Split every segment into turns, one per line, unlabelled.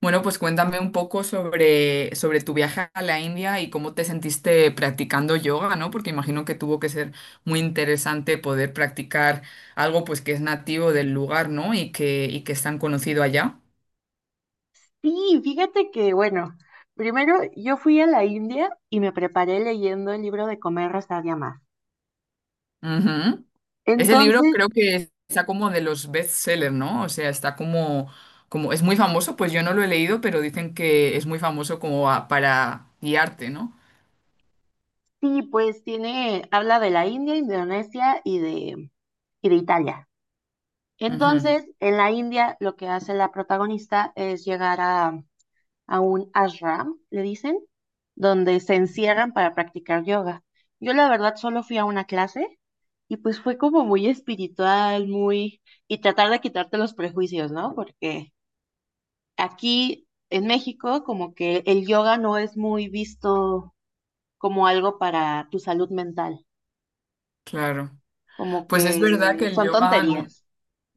Bueno, pues cuéntame un poco sobre tu viaje a la India y cómo te sentiste practicando yoga, ¿no? Porque imagino que tuvo que ser muy interesante poder practicar algo pues que es nativo del lugar, ¿no? Y que es tan conocido allá.
Sí, fíjate que, bueno, primero yo fui a la India y me preparé leyendo el libro de Comer, Rezar y Amar.
Ujú. Ese libro
Entonces,
creo que está como de los bestsellers, ¿no? O sea, está como es muy famoso, pues yo no lo he leído, pero dicen que es muy famoso como para guiarte, ¿no?
sí, pues tiene, habla de la India, Indonesia y de Italia.
Ujú.
Entonces, en la India lo que hace la protagonista es llegar a un ashram, le dicen, donde se encierran para practicar yoga. Yo la verdad solo fui a una clase y pues fue como muy espiritual, muy y tratar de quitarte los prejuicios, ¿no? Porque aquí en México, como que el yoga no es muy visto como algo para tu salud mental,
Claro.
como
Pues es verdad que
que
el
son
yoga no-
tonterías.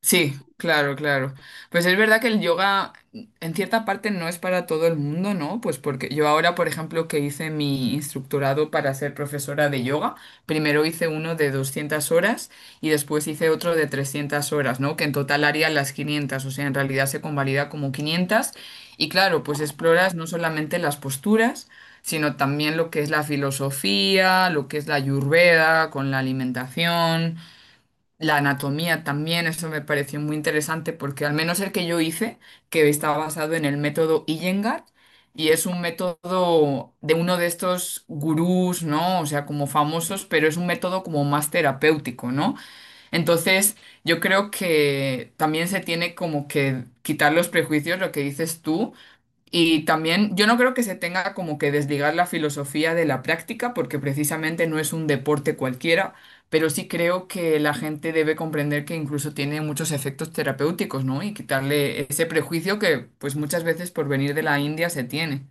Sí, claro, claro. Pues es verdad que el yoga en cierta parte no es para todo el mundo, ¿no? Pues porque yo ahora, por ejemplo, que hice mi instructorado para ser profesora de yoga, primero hice uno de 200 horas y después hice otro de 300 horas, ¿no? Que en total haría las 500, o sea, en realidad se convalida como 500. Y claro, pues exploras no solamente las posturas, sino también lo que es la filosofía, lo que es la ayurveda con la alimentación, la anatomía también. Eso me pareció muy interesante porque al menos el que yo hice, que estaba basado en el método Iyengar, y es un método de uno de estos gurús, ¿no? O sea, como famosos, pero es un método como más terapéutico, ¿no? Entonces, yo creo que también se tiene como que quitar los prejuicios, lo que dices tú, y también yo no creo que se tenga como que desligar la filosofía de la práctica, porque precisamente no es un deporte cualquiera, pero sí creo que la gente debe comprender que incluso tiene muchos efectos terapéuticos, ¿no? Y quitarle ese prejuicio que pues muchas veces por venir de la India se tiene.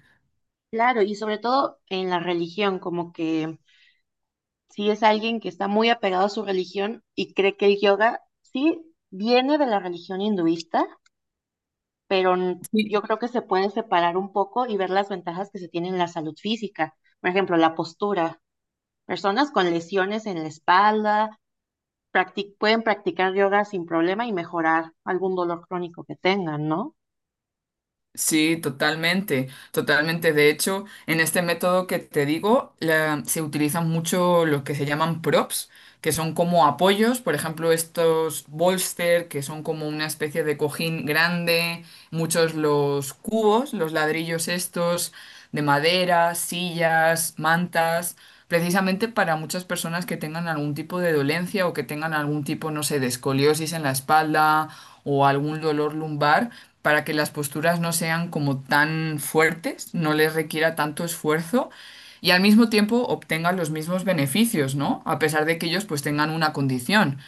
Claro, y sobre todo en la religión, como que si es alguien que está muy apegado a su religión y cree que el yoga sí viene de la religión hinduista, pero
Sí.
yo creo que se puede separar un poco y ver las ventajas que se tienen en la salud física. Por ejemplo, la postura. Personas con lesiones en la espalda pueden practicar yoga sin problema y mejorar algún dolor crónico que tengan, ¿no?
Sí, totalmente, totalmente. De hecho, en este método que te digo, se utilizan mucho los que se llaman props, que son como apoyos, por ejemplo, estos bolster, que son como una especie de cojín grande, muchos los cubos, los ladrillos estos de madera, sillas, mantas, precisamente para muchas personas que tengan algún tipo de dolencia o que tengan algún tipo, no sé, de escoliosis en la espalda o algún dolor lumbar, para que las posturas no sean como tan fuertes, no les requiera tanto esfuerzo y al mismo tiempo obtengan los mismos beneficios, ¿no? A pesar de que ellos pues tengan una condición.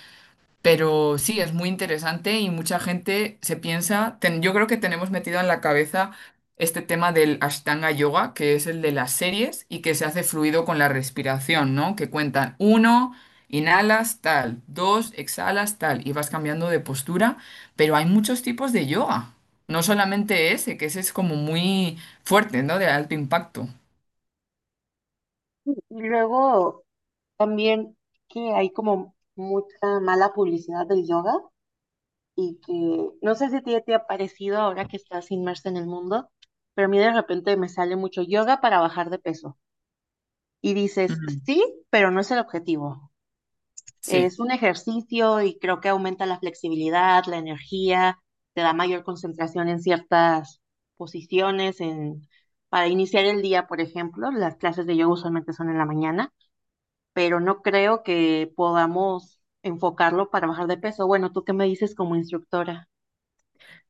Pero sí, es muy interesante y mucha gente se piensa, yo creo que tenemos metido en la cabeza este tema del Ashtanga Yoga, que es el de las series y que se hace fluido con la respiración, ¿no? Que cuentan uno, inhalas tal, dos, exhalas tal y vas cambiando de postura, pero hay muchos tipos de yoga, no solamente ese, que ese es como muy fuerte, ¿no? De alto impacto.
Y luego también que hay como mucha mala publicidad del yoga y que no sé si a ti te ha parecido ahora que estás inmersa en el mundo, pero a mí de repente me sale mucho yoga para bajar de peso. Y dices,
Ujú.
sí, pero no es el objetivo.
Sí.
Es un ejercicio y creo que aumenta la flexibilidad, la energía, te da mayor concentración en ciertas posiciones. Para iniciar el día, por ejemplo, las clases de yoga usualmente son en la mañana, pero no creo que podamos enfocarlo para bajar de peso. Bueno, ¿tú qué me dices como instructora?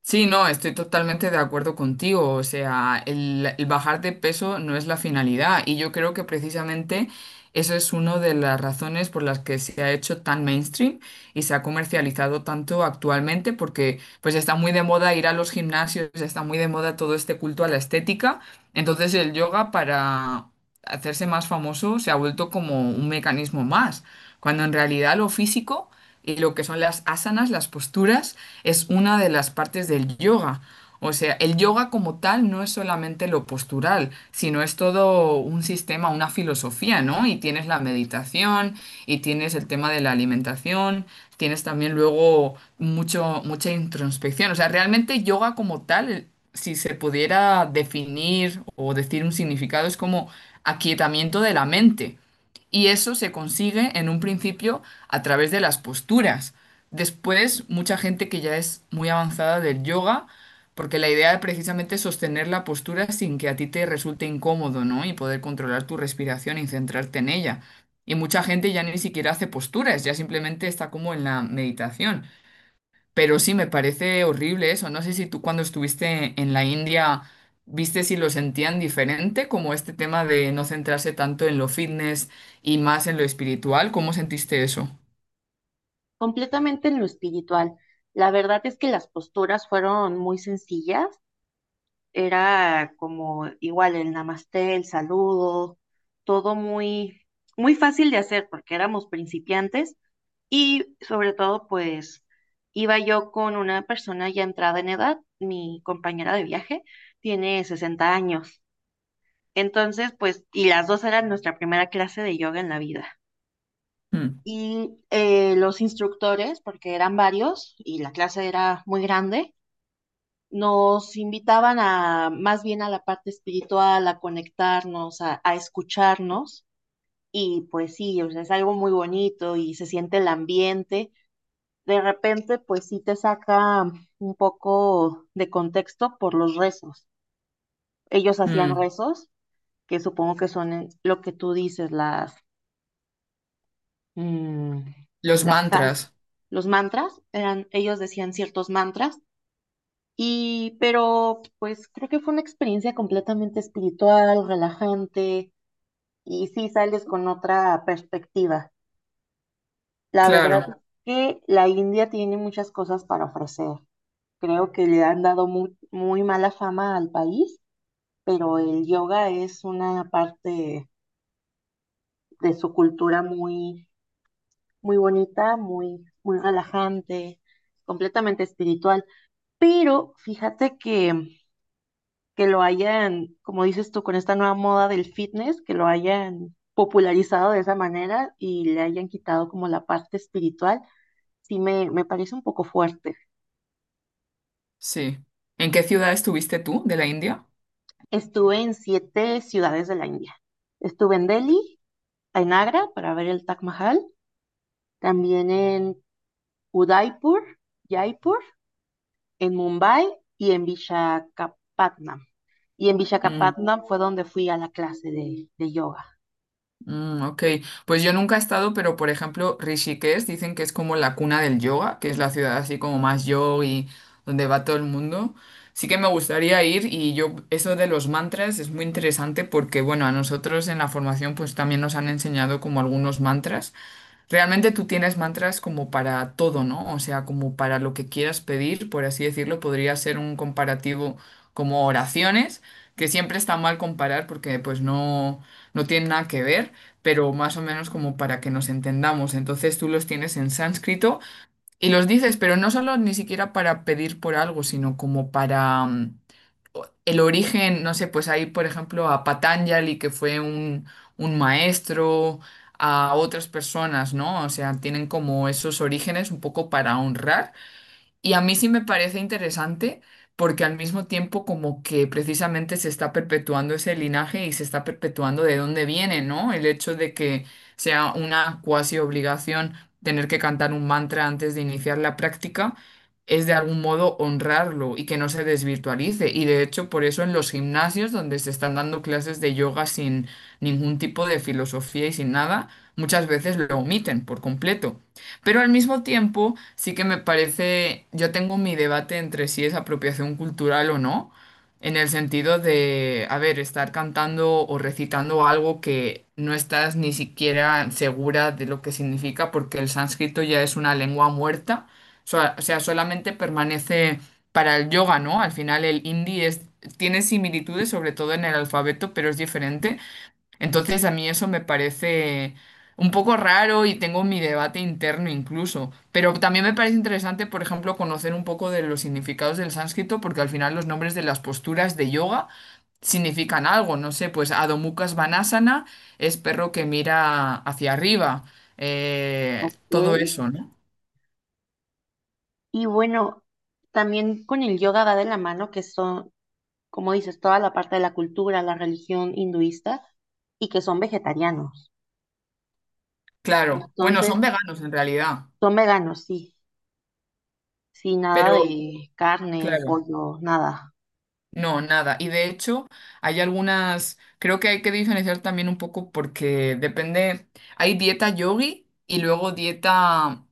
Sí, no, estoy totalmente de acuerdo contigo. O sea, el bajar de peso no es la finalidad y yo creo que precisamente eso es una de las razones por las que se ha hecho tan mainstream y se ha comercializado tanto actualmente porque pues está muy de moda ir a los gimnasios, está muy de moda todo este culto a la estética. Entonces el yoga para hacerse más famoso se ha vuelto como un mecanismo más, cuando en realidad lo físico y lo que son las asanas, las posturas, es una de las partes del yoga. O sea, el yoga como tal no es solamente lo postural, sino es todo un sistema, una filosofía, ¿no? Y tienes la meditación, y tienes el tema de la alimentación, tienes también luego mucho, mucha introspección. O sea, realmente yoga como tal, si se pudiera definir o decir un significado, es como aquietamiento de la mente. Y eso se consigue en un principio a través de las posturas. Después, mucha gente que ya es muy avanzada del yoga, porque la idea es precisamente sostener la postura sin que a ti te resulte incómodo, ¿no? Y poder controlar tu respiración y centrarte en ella. Y mucha gente ya ni siquiera hace posturas, ya simplemente está como en la meditación. Pero sí me parece horrible eso. No sé si tú cuando estuviste en la India viste si lo sentían diferente, como este tema de no centrarse tanto en lo fitness y más en lo espiritual. ¿Cómo sentiste eso?
Completamente en lo espiritual. La verdad es que las posturas fueron muy sencillas. Era como igual el namasté, el saludo, todo muy, muy fácil de hacer porque éramos principiantes y sobre todo pues iba yo con una persona ya entrada en edad, mi compañera de viaje tiene 60 años. Entonces, pues, y las dos eran nuestra primera clase de yoga en la vida.
Mm,
Y los instructores, porque eran varios y la clase era muy grande, nos invitaban a más bien a la parte espiritual, a conectarnos, a escucharnos. Y pues sí, o sea, es algo muy bonito y se siente el ambiente. De repente, pues sí te saca un poco de contexto por los rezos. Ellos hacían
mm.
rezos, que supongo que son lo que tú dices, las, mm,
Los
las jal-
mantras,
los mantras. Eran, ellos decían ciertos mantras. Y, pero pues creo que fue una experiencia completamente espiritual, relajante, y sí sales con otra perspectiva. La verdad
claro,
es que la India tiene muchas cosas para ofrecer. Creo que le han dado muy, muy mala fama al país, pero el yoga es una parte de su cultura muy, muy bonita, muy, muy relajante, completamente espiritual. Pero fíjate que lo hayan, como dices tú, con esta nueva moda del fitness, que lo hayan popularizado de esa manera y le hayan quitado como la parte espiritual, sí me parece un poco fuerte.
sí. ¿En qué ciudad estuviste tú de la India?
Estuve en 7 ciudades de la India. Estuve en Delhi, en Agra para ver el Taj Mahal, también en Udaipur, Jaipur, en Mumbai y en Visakhapatnam. Y en
Mm.
Visakhapatnam fue donde fui a la clase de yoga.
Mm, ok, pues yo nunca he estado, pero por ejemplo, Rishikesh dicen que es como la cuna del yoga, que es la ciudad así como más yogi, donde va todo el mundo. Sí que me gustaría ir y yo, eso de los mantras es muy interesante porque, bueno, a nosotros en la formación pues también nos han enseñado como algunos mantras. Realmente tú tienes mantras como para todo, ¿no? O sea, como para lo que quieras pedir, por así decirlo, podría ser un comparativo como oraciones, que siempre está mal comparar porque pues no, no tienen nada que ver, pero más o menos como para que nos entendamos. Entonces tú los tienes en sánscrito y los dices, pero no solo ni siquiera para pedir por algo, sino como para... el origen, no sé, pues hay, por ejemplo, a Patanjali, que fue un maestro, a otras personas, ¿no? O sea, tienen como esos orígenes un poco para honrar. Y a mí sí me parece interesante porque al mismo tiempo como que precisamente se está perpetuando ese linaje y se está perpetuando de dónde viene, ¿no? El hecho de que sea una cuasi obligación tener que cantar un mantra antes de iniciar la práctica es de algún modo honrarlo y que no se desvirtualice. Y de hecho por eso en los gimnasios donde se están dando clases de yoga sin ningún tipo de filosofía y sin nada, muchas veces lo omiten por completo. Pero al mismo tiempo, sí que me parece, yo tengo mi debate entre si es apropiación cultural o no, en el sentido de, a ver, estar cantando o recitando algo que no estás ni siquiera segura de lo que significa, porque el sánscrito ya es una lengua muerta, o sea, solamente permanece para el yoga, ¿no? Al final el hindi es, tiene similitudes, sobre todo en el alfabeto, pero es diferente. Entonces a mí eso me parece un poco raro y tengo mi debate interno incluso, pero también me parece interesante, por ejemplo, conocer un poco de los significados del sánscrito, porque al final los nombres de las posturas de yoga significan algo, no sé, pues Adho Mukha Svanasana es perro que mira hacia arriba, todo
Ok,
eso, ¿no?
y bueno, también con el yoga va de la mano que son, como dices, toda la parte de la cultura, la religión hinduista y que son vegetarianos.
Claro, bueno,
Entonces,
son veganos en realidad,
son veganos, sí, sí, nada
pero
de carne,
claro.
pollo, nada.
No, nada. Y de hecho, hay algunas, creo que hay que diferenciar también un poco porque depende, hay dieta yogui y luego dieta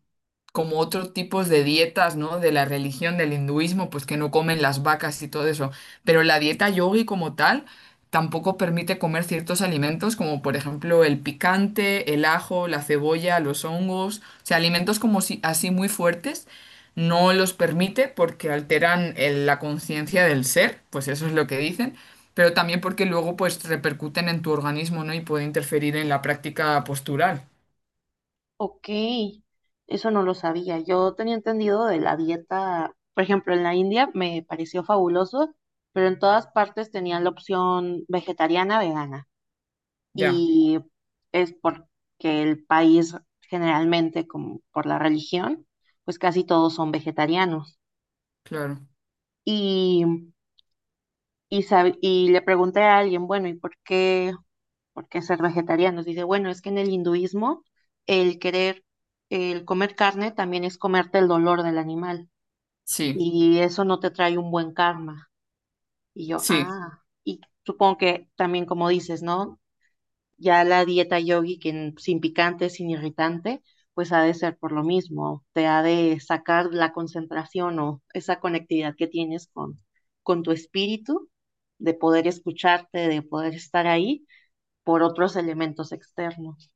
como otros tipos de dietas, ¿no? De la religión, del hinduismo, pues que no comen las vacas y todo eso. Pero la dieta yogui como tal tampoco permite comer ciertos alimentos como por ejemplo el picante, el ajo, la cebolla, los hongos, o sea, alimentos como si, así muy fuertes no los permite porque alteran la conciencia del ser, pues eso es lo que dicen, pero también porque luego pues repercuten en tu organismo, ¿no? Y puede interferir en la práctica postural.
Ok, eso no lo sabía. Yo tenía entendido de la dieta, por ejemplo, en la India me pareció fabuloso, pero en todas partes tenían la opción vegetariana, vegana.
Ya,
Y es porque el país generalmente, como por la religión, pues casi todos son vegetarianos.
claro.
Y, y le pregunté a alguien, bueno, ¿y por qué ser vegetarianos? Dice, bueno, es que en el hinduismo el querer, el comer carne también es comerte el dolor del animal
Sí,
y eso no te trae un buen karma. Y yo,
sí.
ah, y supongo que también como dices, ¿no? Ya la dieta yogi, que sin picante, sin irritante, pues ha de ser por lo mismo. Te ha de sacar la concentración o esa conectividad que tienes con tu espíritu, de poder escucharte, de poder estar ahí por otros elementos externos.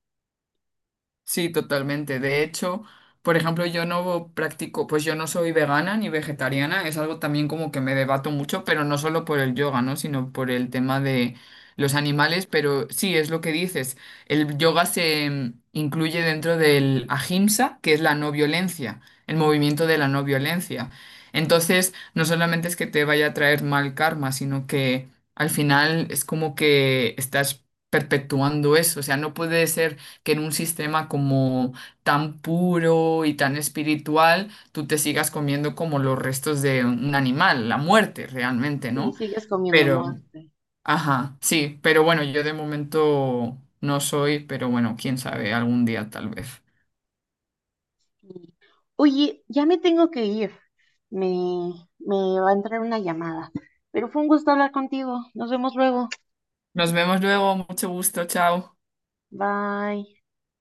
Sí, totalmente. De hecho, por ejemplo, yo no practico, pues yo no soy vegana ni vegetariana, es algo también como que me debato mucho, pero no solo por el yoga, ¿no? Sino por el tema de los animales, pero sí, es lo que dices. El yoga se incluye dentro del ahimsa, que es la no violencia, el movimiento de la no violencia. Entonces, no solamente es que te vaya a traer mal karma, sino que al final es como que estás perpetuando eso, o sea, no puede ser que en un sistema como tan puro y tan espiritual, tú te sigas comiendo como los restos de un animal, la muerte realmente,
Y
¿no?
sigues comiendo
Pero,
muerte.
ajá, sí, pero bueno, yo de momento no soy, pero bueno, quién sabe, algún día tal vez.
Y, Oye, ya me tengo que ir. Me, Me va a entrar una llamada. Pero fue un gusto hablar contigo. Nos vemos luego.
Nos vemos luego, mucho gusto, chao.
Bye.